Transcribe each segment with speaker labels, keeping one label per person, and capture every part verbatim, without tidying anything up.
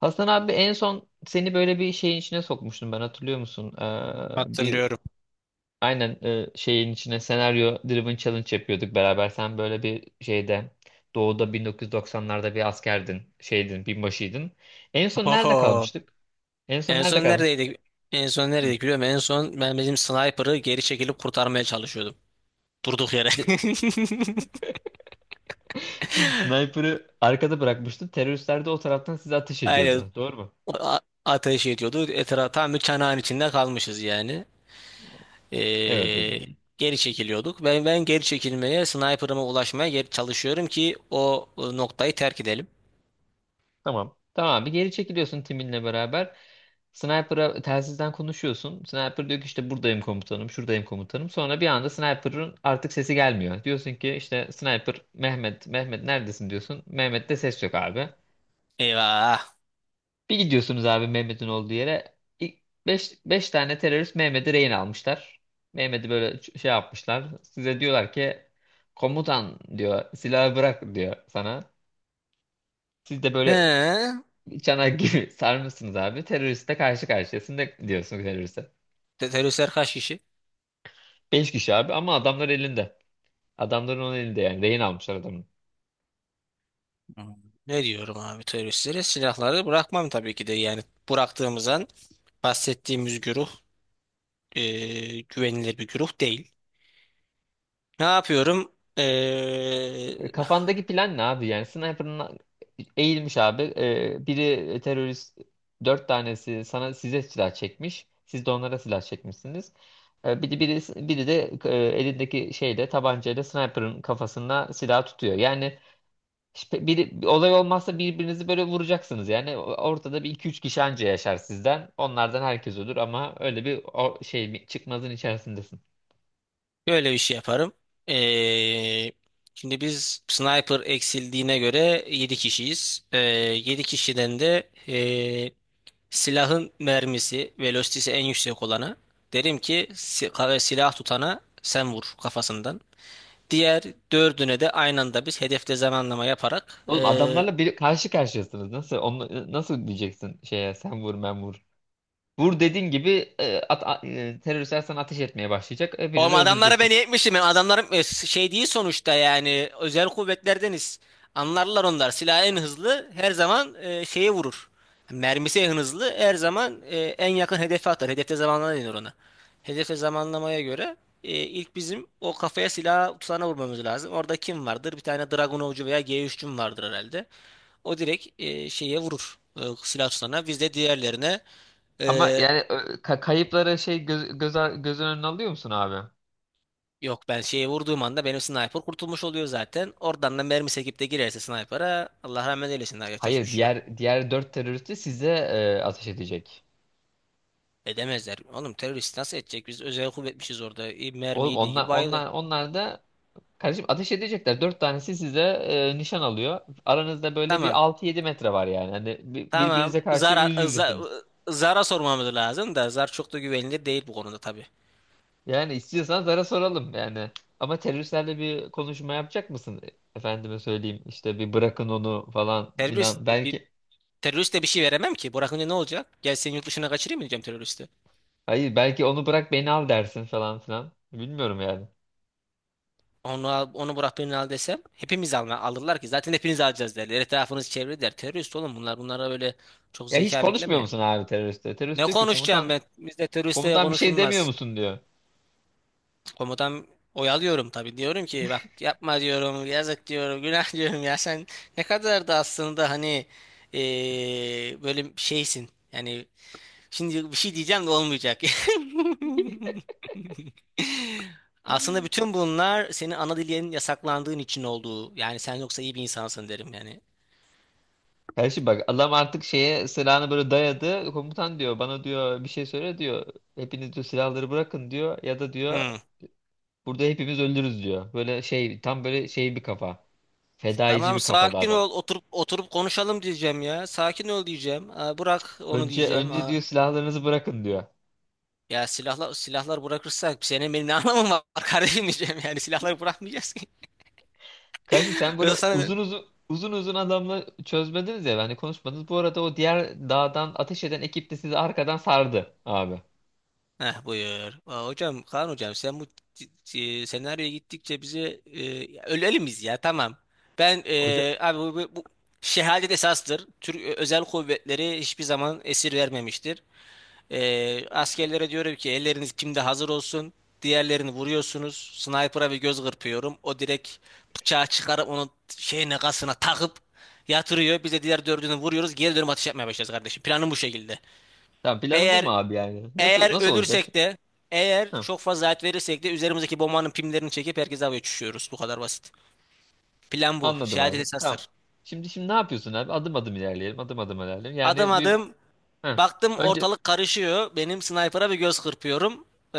Speaker 1: Hasan abi en son seni böyle bir şeyin içine sokmuştum ben hatırlıyor musun? Ee, bir,
Speaker 2: Hatırlıyorum.
Speaker 1: aynen, e, şeyin içine senaryo driven challenge yapıyorduk beraber. Sen böyle bir şeyde doğuda bin dokuz yüz doksanlarda bir askerdin, şeydin, binbaşıydın. En son nerede
Speaker 2: Oho.
Speaker 1: kalmıştık? En son
Speaker 2: En
Speaker 1: nerede
Speaker 2: son
Speaker 1: kalmıştık?
Speaker 2: neredeydik? En son
Speaker 1: Hı.
Speaker 2: neredeydik biliyorum. En son ben bizim sniper'ı geri çekilip kurtarmaya çalışıyordum. Durduk yere.
Speaker 1: De- Sniper'ı arkada bırakmıştın. Teröristler de o taraftan size ateş
Speaker 2: Aynen.
Speaker 1: ediyordu. Doğru mu?
Speaker 2: A- ateş ediyordu. Etrafa tam bir çanağın içinde kalmışız yani.
Speaker 1: Evet.
Speaker 2: Ee, geri çekiliyorduk. Ben ben geri çekilmeye, sniper'ıma ulaşmaya geri çalışıyorum ki o, o noktayı terk edelim.
Speaker 1: Tamam. Tamam, bir geri çekiliyorsun timinle beraber. Sniper'a telsizden konuşuyorsun. Sniper diyor ki işte buradayım komutanım, şuradayım komutanım. Sonra bir anda Sniper'ın artık sesi gelmiyor. Diyorsun ki işte Sniper Mehmet, Mehmet neredesin diyorsun. Mehmet'te ses yok abi.
Speaker 2: Eyvah.
Speaker 1: Bir gidiyorsunuz abi Mehmet'in olduğu yere. Beş beş tane terörist Mehmet'i rehin almışlar. Mehmet'i böyle ç- şey yapmışlar. Size diyorlar ki komutan diyor silahı bırak diyor sana. Siz de böyle
Speaker 2: He.
Speaker 1: çanak gibi sarmışsınız abi. Teröriste karşı karşıyasın da diyorsun teröriste.
Speaker 2: Te- Teröristler kaç kişi?
Speaker 1: Beş kişi abi ama adamlar elinde. Adamların onun elinde yani. Rehin almışlar adamın.
Speaker 2: Hmm. Ne diyorum abi teröristlere? Silahları bırakmam tabii ki de. Yani bıraktığımızdan bahsettiğimiz güruh e, güvenilir bir güruh değil. Ne yapıyorum? E,
Speaker 1: E, Kafandaki plan ne abi? Yani sniper'ın eğilmiş abi. E, biri terörist, dört tanesi sana size silah çekmiş. Siz de onlara silah çekmişsiniz. E, biri, biri, biri de e, elindeki şeyle tabancayla sniper'ın kafasına silah tutuyor. Yani İşte biri, bir olay olmazsa birbirinizi böyle vuracaksınız yani. Ortada bir iki üç kişi anca yaşar sizden. Onlardan herkes olur ama öyle bir o şey bir çıkmazın içerisindesin.
Speaker 2: böyle bir şey yaparım. E, şimdi biz sniper eksildiğine göre yedi kişiyiz. E, yedi kişiden de e, silahın mermisi, velocity'si en yüksek olana derim ki si- ka- silah tutana sen vur kafasından. Diğer dördüne de aynı anda biz hedefte zamanlama yaparak.
Speaker 1: Oğlum
Speaker 2: eee
Speaker 1: adamlarla bir karşı karşıyasınız. Nasıl onu nasıl diyeceksin şeye sen vur ben vur. Vur dediğin gibi e, at, a- e, teröristler sana ateş etmeye başlayacak.
Speaker 2: oğlum
Speaker 1: Hepinizi
Speaker 2: adamlara ben
Speaker 1: öldüreceksin.
Speaker 2: yetmişim. Yani adamlarım e, şey değil sonuçta yani özel kuvvetlerdeniz. Anlarlar onlar. Silah en hızlı her zaman e, şeye vurur. Mermisi en hızlı her zaman e, en yakın hedefe atar. Hedefte zamanlama denir ona. Hedefte zamanlamaya göre e, ilk bizim o kafaya silah tutana vurmamız lazım. Orada kim vardır? Bir tane Dragunovcu veya G üç'cüm vardır herhalde. O direkt e, şeye vurur. E, silah tutanına. Biz de diğerlerine
Speaker 1: Ama
Speaker 2: e,
Speaker 1: yani ö, ka- kayıpları şey göz, göz, göz önüne alıyor musun abi?
Speaker 2: yok ben şeye vurduğum anda benim sniper kurtulmuş oluyor zaten. Oradan da mermi sekip de girerse sniper'a Allah rahmet eylesin. Daha yapacak hiçbir
Speaker 1: Hayır
Speaker 2: şey yok.
Speaker 1: diğer diğer dört terörist de size e, ateş edecek.
Speaker 2: Edemezler. Oğlum terörist nasıl edecek? Biz özel kuvvetmişiz orada. E, mermi
Speaker 1: Oğlum,
Speaker 2: yediği gibi
Speaker 1: onlar
Speaker 2: bayılır.
Speaker 1: onlar onlar da. Kardeşim, ateş edecekler. Dört tanesi size e, nişan alıyor. Aranızda böyle bir
Speaker 2: Tamam.
Speaker 1: altı yedi metre var yani. Hani bir-
Speaker 2: Tamam.
Speaker 1: birbirinize karşı yüz
Speaker 2: Zara, za,
Speaker 1: yüzesiniz.
Speaker 2: Zara sormamız lazım da Zar çok da güvenilir değil bu konuda tabii.
Speaker 1: Yani istiyorsan zara soralım yani. Ama teröristlerle bir konuşma yapacak mısın? Efendime söyleyeyim işte bir bırakın onu falan filan.
Speaker 2: Terörist bir
Speaker 1: Belki
Speaker 2: teröriste bir şey veremem ki. Bırakınca ne olacak? Gel seni yurt dışına kaçırayım mı diyeceğim teröriste?
Speaker 1: hayır belki onu bırak beni al dersin falan filan. Bilmiyorum yani.
Speaker 2: Onu al- onu bırak birini al desem hepimiz alma, alırlar ki zaten hepiniz alacağız derler. Etrafınız çevre der. Terörist oğlum bunlar bunlara böyle çok
Speaker 1: Ya hiç
Speaker 2: zeka
Speaker 1: konuşmuyor
Speaker 2: bekleme.
Speaker 1: musun abi teröriste? Terörist
Speaker 2: Ne
Speaker 1: diyor ki
Speaker 2: konuşacağım
Speaker 1: komutan,
Speaker 2: ben? Bizde teröristle
Speaker 1: komutan bir şey demiyor
Speaker 2: konuşulmaz.
Speaker 1: musun diyor.
Speaker 2: Komutan oyalıyorum tabii. Diyorum ki bak yapma diyorum yazık diyorum günah diyorum ya sen ne kadar da aslında hani eee, böyle şeysin. Yani şimdi bir şey diyeceğim de olmayacak. Aslında bütün bunlar senin ana dilinin yasaklandığın için olduğu. Yani sen yoksa iyi bir insansın derim yani.
Speaker 1: Kardeşim bak adam artık şeye silahını böyle dayadı. Komutan diyor bana diyor bir şey söyle diyor. Hepiniz diyor silahları bırakın diyor. Ya da diyor
Speaker 2: Hmm.
Speaker 1: burada hepimiz ölürüz diyor. Böyle şey tam böyle şey bir kafa. Fedaici
Speaker 2: Tamam
Speaker 1: bir kafada
Speaker 2: sakin
Speaker 1: adam.
Speaker 2: ol oturup oturup konuşalım diyeceğim ya. Sakin ol diyeceğim. Aa, bırak onu
Speaker 1: Önce
Speaker 2: diyeceğim.
Speaker 1: önce
Speaker 2: Aa,
Speaker 1: diyor silahlarınızı bırakın diyor.
Speaker 2: ya silahlar silahlar bırakırsak senin benim ne anlamım var kardeşim diyeceğim. Yani silahları bırakmayacağız ki.
Speaker 1: Kardeşim sen böyle
Speaker 2: Yoksa sana.
Speaker 1: uzun uzun uzun uzun adamla çözmediniz ya hani konuşmadınız. Bu arada o diğer dağdan ateş eden ekip de sizi arkadan sardı abi.
Speaker 2: Heh, buyur. Aa, hocam Kaan hocam sen bu c- c- senaryoya gittikçe bize e, ölelim biz ya tamam. Ben
Speaker 1: Hoca,
Speaker 2: e, abi bu, bu, bu şehadet esastır. Türk e, özel kuvvetleri hiçbir zaman esir vermemiştir. E, askerlere diyorum ki elleriniz kimde hazır olsun. Diğerlerini vuruyorsunuz. Sniper'a bir göz kırpıyorum. O direkt bıçağı çıkarıp onun şeyine kasına takıp yatırıyor. Biz de diğer dördünü vuruyoruz. Geri dönüp atış yapmaya başlarız kardeşim. Planım bu şekilde.
Speaker 1: tamam planı bu mu
Speaker 2: Eğer
Speaker 1: abi yani? Nasıl
Speaker 2: eğer
Speaker 1: nasıl olacak
Speaker 2: ölürsek
Speaker 1: şimdi?
Speaker 2: de eğer çok fazla hayat verirsek de üzerimizdeki bombanın pimlerini çekip herkese havaya uçuşuyoruz. Bu kadar basit. Plan bu.
Speaker 1: Anladım
Speaker 2: Şehadet
Speaker 1: abi. Tamam.
Speaker 2: esastır.
Speaker 1: Şimdi şimdi ne yapıyorsun abi? Adım adım ilerleyelim. Adım adım ilerleyelim.
Speaker 2: Adım
Speaker 1: Yani bir,
Speaker 2: adım
Speaker 1: heh.
Speaker 2: baktım
Speaker 1: Önce
Speaker 2: ortalık karışıyor. Benim sniper'a bir göz kırpıyorum. Ee,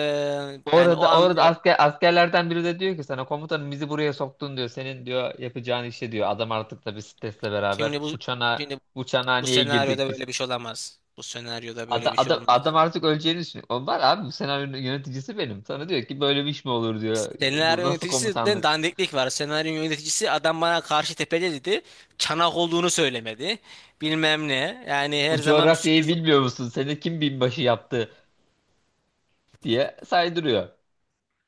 Speaker 2: yani o
Speaker 1: orada orada
Speaker 2: anlıyor.
Speaker 1: asker askerlerden biri de diyor ki sana komutanım bizi buraya soktun diyor. Senin diyor yapacağın işe diyor. Adam artık tabii stresle beraber
Speaker 2: Şimdi bu
Speaker 1: bu çana
Speaker 2: Şimdi
Speaker 1: bu
Speaker 2: bu
Speaker 1: çanhaneye girdik
Speaker 2: senaryoda
Speaker 1: biz.
Speaker 2: böyle bir şey olamaz. Bu senaryoda böyle
Speaker 1: Adam,
Speaker 2: bir şey
Speaker 1: adam,
Speaker 2: olmaz.
Speaker 1: adam artık öleceğini düşünüyor. O var abi bu senaryonun yöneticisi benim. Sana diyor ki böyle bir iş mi olur diyor. Bu
Speaker 2: Senaryo
Speaker 1: nasıl
Speaker 2: yöneticisinden
Speaker 1: komutanlık?
Speaker 2: dandiklik var. Senaryo yöneticisi adam bana karşı tepede dedi. Çanak olduğunu söylemedi. Bilmem ne. Yani her
Speaker 1: Bu
Speaker 2: zaman bir
Speaker 1: coğrafyayı
Speaker 2: sürpriz.
Speaker 1: bilmiyor musun? Seni kim binbaşı yaptı diye saydırıyor.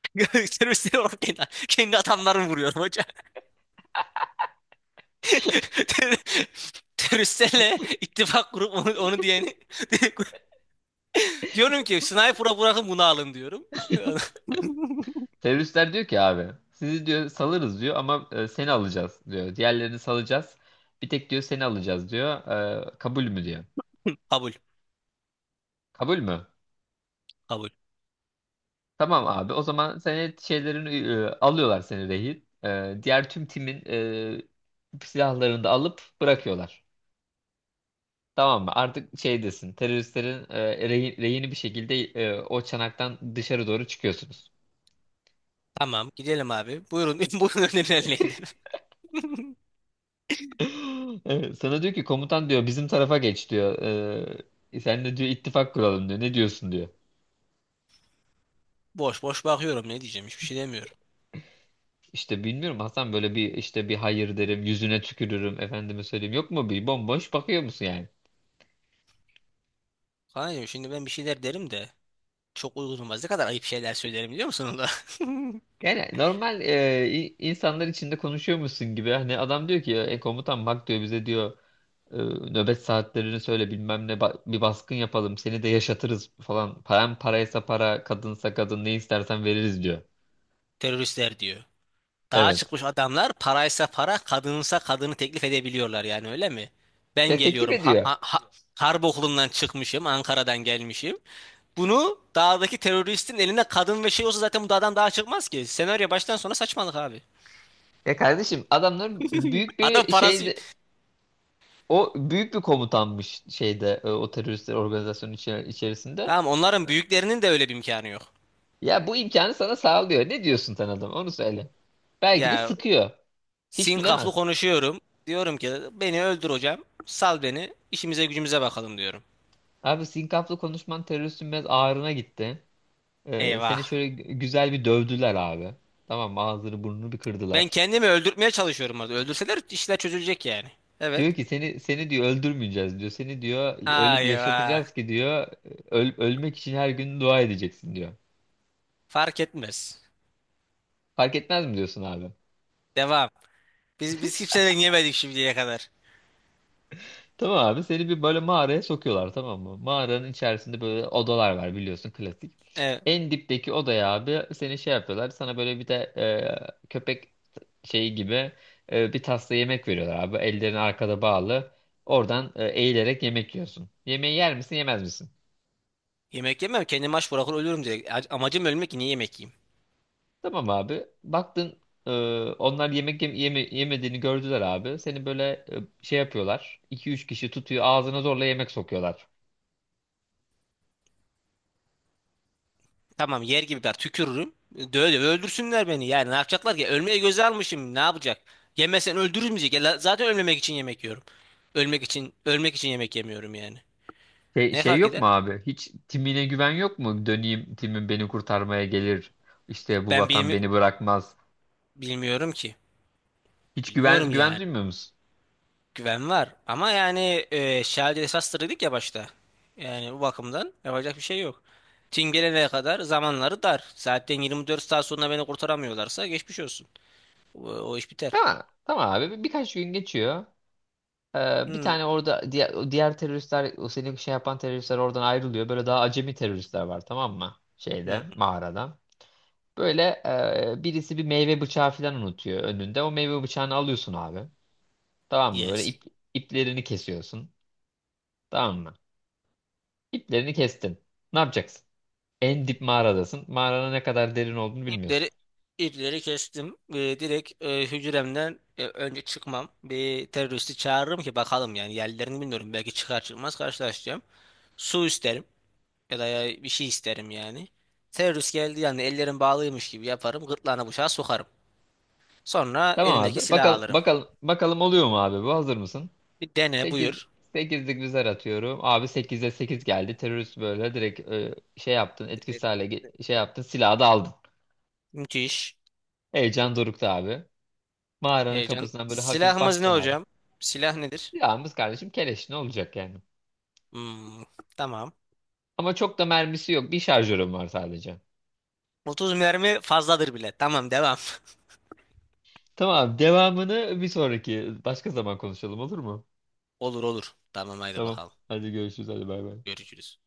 Speaker 2: Teröristleri olarak kendi, kendi adamlarımı vuruyorum hocam. Ter- Teröristlerle ittifak kurup onu, onu diyeni diyorum ki sniper'a bırakın bunu alın diyorum.
Speaker 1: Teröristler diyor ki abi sizi diyor salırız diyor ama e, seni alacağız diyor. Diğerlerini salacağız. Bir tek diyor seni alacağız diyor. E, kabul mü diyor.
Speaker 2: Kabul.
Speaker 1: Kabul mü?
Speaker 2: Kabul.
Speaker 1: Tamam abi o zaman seni şeylerini e, alıyorlar seni rehin. E, diğer tüm timin e, silahlarını da alıp bırakıyorlar. Tamam mı? Artık şeydesin. Teröristlerin e, rehin, rehini bir şekilde e, o çanaktan dışarı doğru çıkıyorsunuz.
Speaker 2: Tamam gidelim abi. Buyurun buyurun önerilerini.
Speaker 1: Evet, sana diyor ki komutan diyor bizim tarafa geç diyor. Ee, sen de diyor ittifak kuralım diyor. Ne diyorsun diyor.
Speaker 2: Boş boş bakıyorum ne diyeceğim hiçbir şey demiyorum.
Speaker 1: İşte bilmiyorum Hasan böyle bir işte bir hayır derim yüzüne tükürürüm efendime söyleyeyim yok mu bir bomboş bakıyor musun yani?
Speaker 2: Kaan'cığım şimdi ben bir şeyler derim de çok uygun olmaz. Ne kadar ayıp şeyler söylerim biliyor musun?
Speaker 1: Yani normal e, i- insanlar içinde konuşuyor musun gibi hani adam diyor ki e, komutan bak diyor bize diyor e, nöbet saatlerini söyle bilmem ne ba- bir baskın yapalım seni de yaşatırız falan param paraysa para kadınsa kadın ne istersen veririz diyor.
Speaker 2: Teröristler diyor. Dağa
Speaker 1: Evet.
Speaker 2: çıkmış adamlar paraysa para, kadınsa kadını teklif edebiliyorlar yani öyle mi? Ben
Speaker 1: Ya teklif
Speaker 2: geliyorum. Ha,
Speaker 1: ediyor.
Speaker 2: ha, ha- harp okulundan çıkmışım, Ankara'dan gelmişim. Bunu dağdaki teröristin eline kadın ve şey olsa zaten bu dağdan daha çıkmaz ki. Senaryo baştan sona saçmalık abi.
Speaker 1: Ya kardeşim adamların büyük
Speaker 2: Adam
Speaker 1: bir
Speaker 2: parası.
Speaker 1: şeyde o büyük bir komutanmış şeyde e, o teröristler organizasyonun içe- içerisinde.
Speaker 2: Tamam onların büyüklerinin de öyle bir imkanı yok.
Speaker 1: Ya bu imkanı sana sağlıyor. Ne diyorsun sen adam? Onu söyle. Belki de
Speaker 2: Ya
Speaker 1: sıkıyor. Hiç
Speaker 2: sinkaflı
Speaker 1: bilemez.
Speaker 2: konuşuyorum. Diyorum ki beni öldür hocam. Sal beni. İşimize gücümüze bakalım diyorum.
Speaker 1: Abi sinkaflı konuşman teröristin biraz ağrına gitti. Ee,
Speaker 2: Eyvah.
Speaker 1: seni şöyle gü- güzel bir dövdüler abi. Tamam mı? Ağzını burnunu bir
Speaker 2: Ben
Speaker 1: kırdılar.
Speaker 2: kendimi öldürtmeye çalışıyorum orada. Öldürseler işler çözülecek yani. Evet.
Speaker 1: Diyor ki seni seni diyor öldürmeyeceğiz diyor. Seni diyor öyle bir
Speaker 2: Ay vay.
Speaker 1: yaşatacağız ki diyor öl- ölmek için her gün dua edeceksin diyor.
Speaker 2: Fark etmez.
Speaker 1: Fark etmez mi diyorsun abi?
Speaker 2: Devam. Biz biz kimseden yemedik şimdiye kadar.
Speaker 1: Tamam abi seni bir böyle mağaraya sokuyorlar tamam mı? Mağaranın içerisinde böyle odalar var biliyorsun klasik.
Speaker 2: Evet.
Speaker 1: En dipteki odaya abi seni şey yapıyorlar sana böyle bir de e, köpek şeyi gibi e, bir tasla yemek veriyorlar abi. Ellerini arkada bağlı oradan e, eğilerek yemek yiyorsun. Yemeği yer misin yemez misin?
Speaker 2: Yemek yemem. Kendimi aç bırakır ölürüm direkt. A- Amacım ölmek niye yemek yiyeyim?
Speaker 1: Tamam abi baktın e, onlar yemek yem- yeme- yemediğini gördüler abi. Seni böyle e, şey yapıyorlar iki üç kişi tutuyor ağzına zorla yemek sokuyorlar.
Speaker 2: Tamam yer gibi ben tükürürüm. Döve döve öldürsünler beni. Yani ne yapacaklar ki? Ölmeye göze almışım. Ne yapacak? Yemesen öldürülmeyecek. Ya, la- zaten ölmemek için yemek yiyorum. Ölmek için ölmek için yemek yemiyorum yani.
Speaker 1: Şey,
Speaker 2: Ne
Speaker 1: şey
Speaker 2: fark
Speaker 1: yok
Speaker 2: eder?
Speaker 1: mu abi? Hiç timine güven yok mu? Döneyim timim beni kurtarmaya gelir. İşte bu
Speaker 2: Ben
Speaker 1: vatan
Speaker 2: bilmi
Speaker 1: beni bırakmaz.
Speaker 2: bilmiyorum ki.
Speaker 1: Hiç güven
Speaker 2: Bilmiyorum
Speaker 1: güven
Speaker 2: yani.
Speaker 1: duymuyor musun?
Speaker 2: Güven var. Ama yani e, şahane esas dedik ya başta. Yani bu bakımdan yapacak bir şey yok. Tim gelene kadar zamanları dar. Zaten yirmi dört saat sonra beni kurtaramıyorlarsa geçmiş olsun. O, o iş biter.
Speaker 1: Tamam. Tamam abi. Birkaç gün geçiyor. Ee, bir
Speaker 2: Hmm.
Speaker 1: tane orada diğer, o diğer teröristler o senin şey yapan teröristler oradan ayrılıyor. Böyle daha acemi teröristler var tamam mı? Şeyde
Speaker 2: Hmm.
Speaker 1: mağarada. Böyle e, birisi bir meyve bıçağı falan unutuyor önünde. O meyve bıçağını alıyorsun abi. Tamam mı? Böyle
Speaker 2: Yes.
Speaker 1: ip, iplerini kesiyorsun. Tamam mı? İplerini kestin. Ne yapacaksın? En dip mağaradasın. Mağaranın ne kadar derin olduğunu
Speaker 2: İpleri
Speaker 1: bilmiyorsun.
Speaker 2: ipleri kestim. Ee, direkt e, hücremden e, önce çıkmam. Bir teröristi çağırırım ki bakalım yani yerlerini bilmiyorum. Belki çıkar çıkmaz karşılaşacağım. Su isterim ya da ya- bir şey isterim yani. Terörist geldi yani ellerim bağlıymış gibi yaparım. Gırtlağına bıçağı sokarım. Sonra
Speaker 1: Tamam
Speaker 2: elindeki
Speaker 1: abi.
Speaker 2: silahı
Speaker 1: Bakalım
Speaker 2: alırım.
Speaker 1: bakalım bakalım oluyor mu abi bu? Hazır mısın?
Speaker 2: Bir dene
Speaker 1: sekiz,
Speaker 2: buyur.
Speaker 1: sekizlik bir zar atıyorum. Abi sekize sekiz geldi. Terörist böyle direkt e, şey yaptın.
Speaker 2: Dedi,
Speaker 1: Etkisiz hale ge- şey yaptın. Silahı da aldın.
Speaker 2: Müthiş.
Speaker 1: Heyecan dorukta abi. Mağaranın
Speaker 2: Heyecan.
Speaker 1: kapısından böyle hafif
Speaker 2: Silahımız ne
Speaker 1: baktın abi.
Speaker 2: hocam? Silah nedir?
Speaker 1: Silahımız kardeşim keleş ne olacak yani?
Speaker 2: Hmm, tamam.
Speaker 1: Ama çok da mermisi yok. Bir şarjörüm var sadece.
Speaker 2: otuz mermi fazladır bile. Tamam devam.
Speaker 1: Tamam devamını bir sonraki başka zaman konuşalım olur mu?
Speaker 2: Olur olur. Tamam haydi
Speaker 1: Tamam.
Speaker 2: bakalım.
Speaker 1: Hadi görüşürüz. Hadi bay bay.
Speaker 2: Görüşürüz.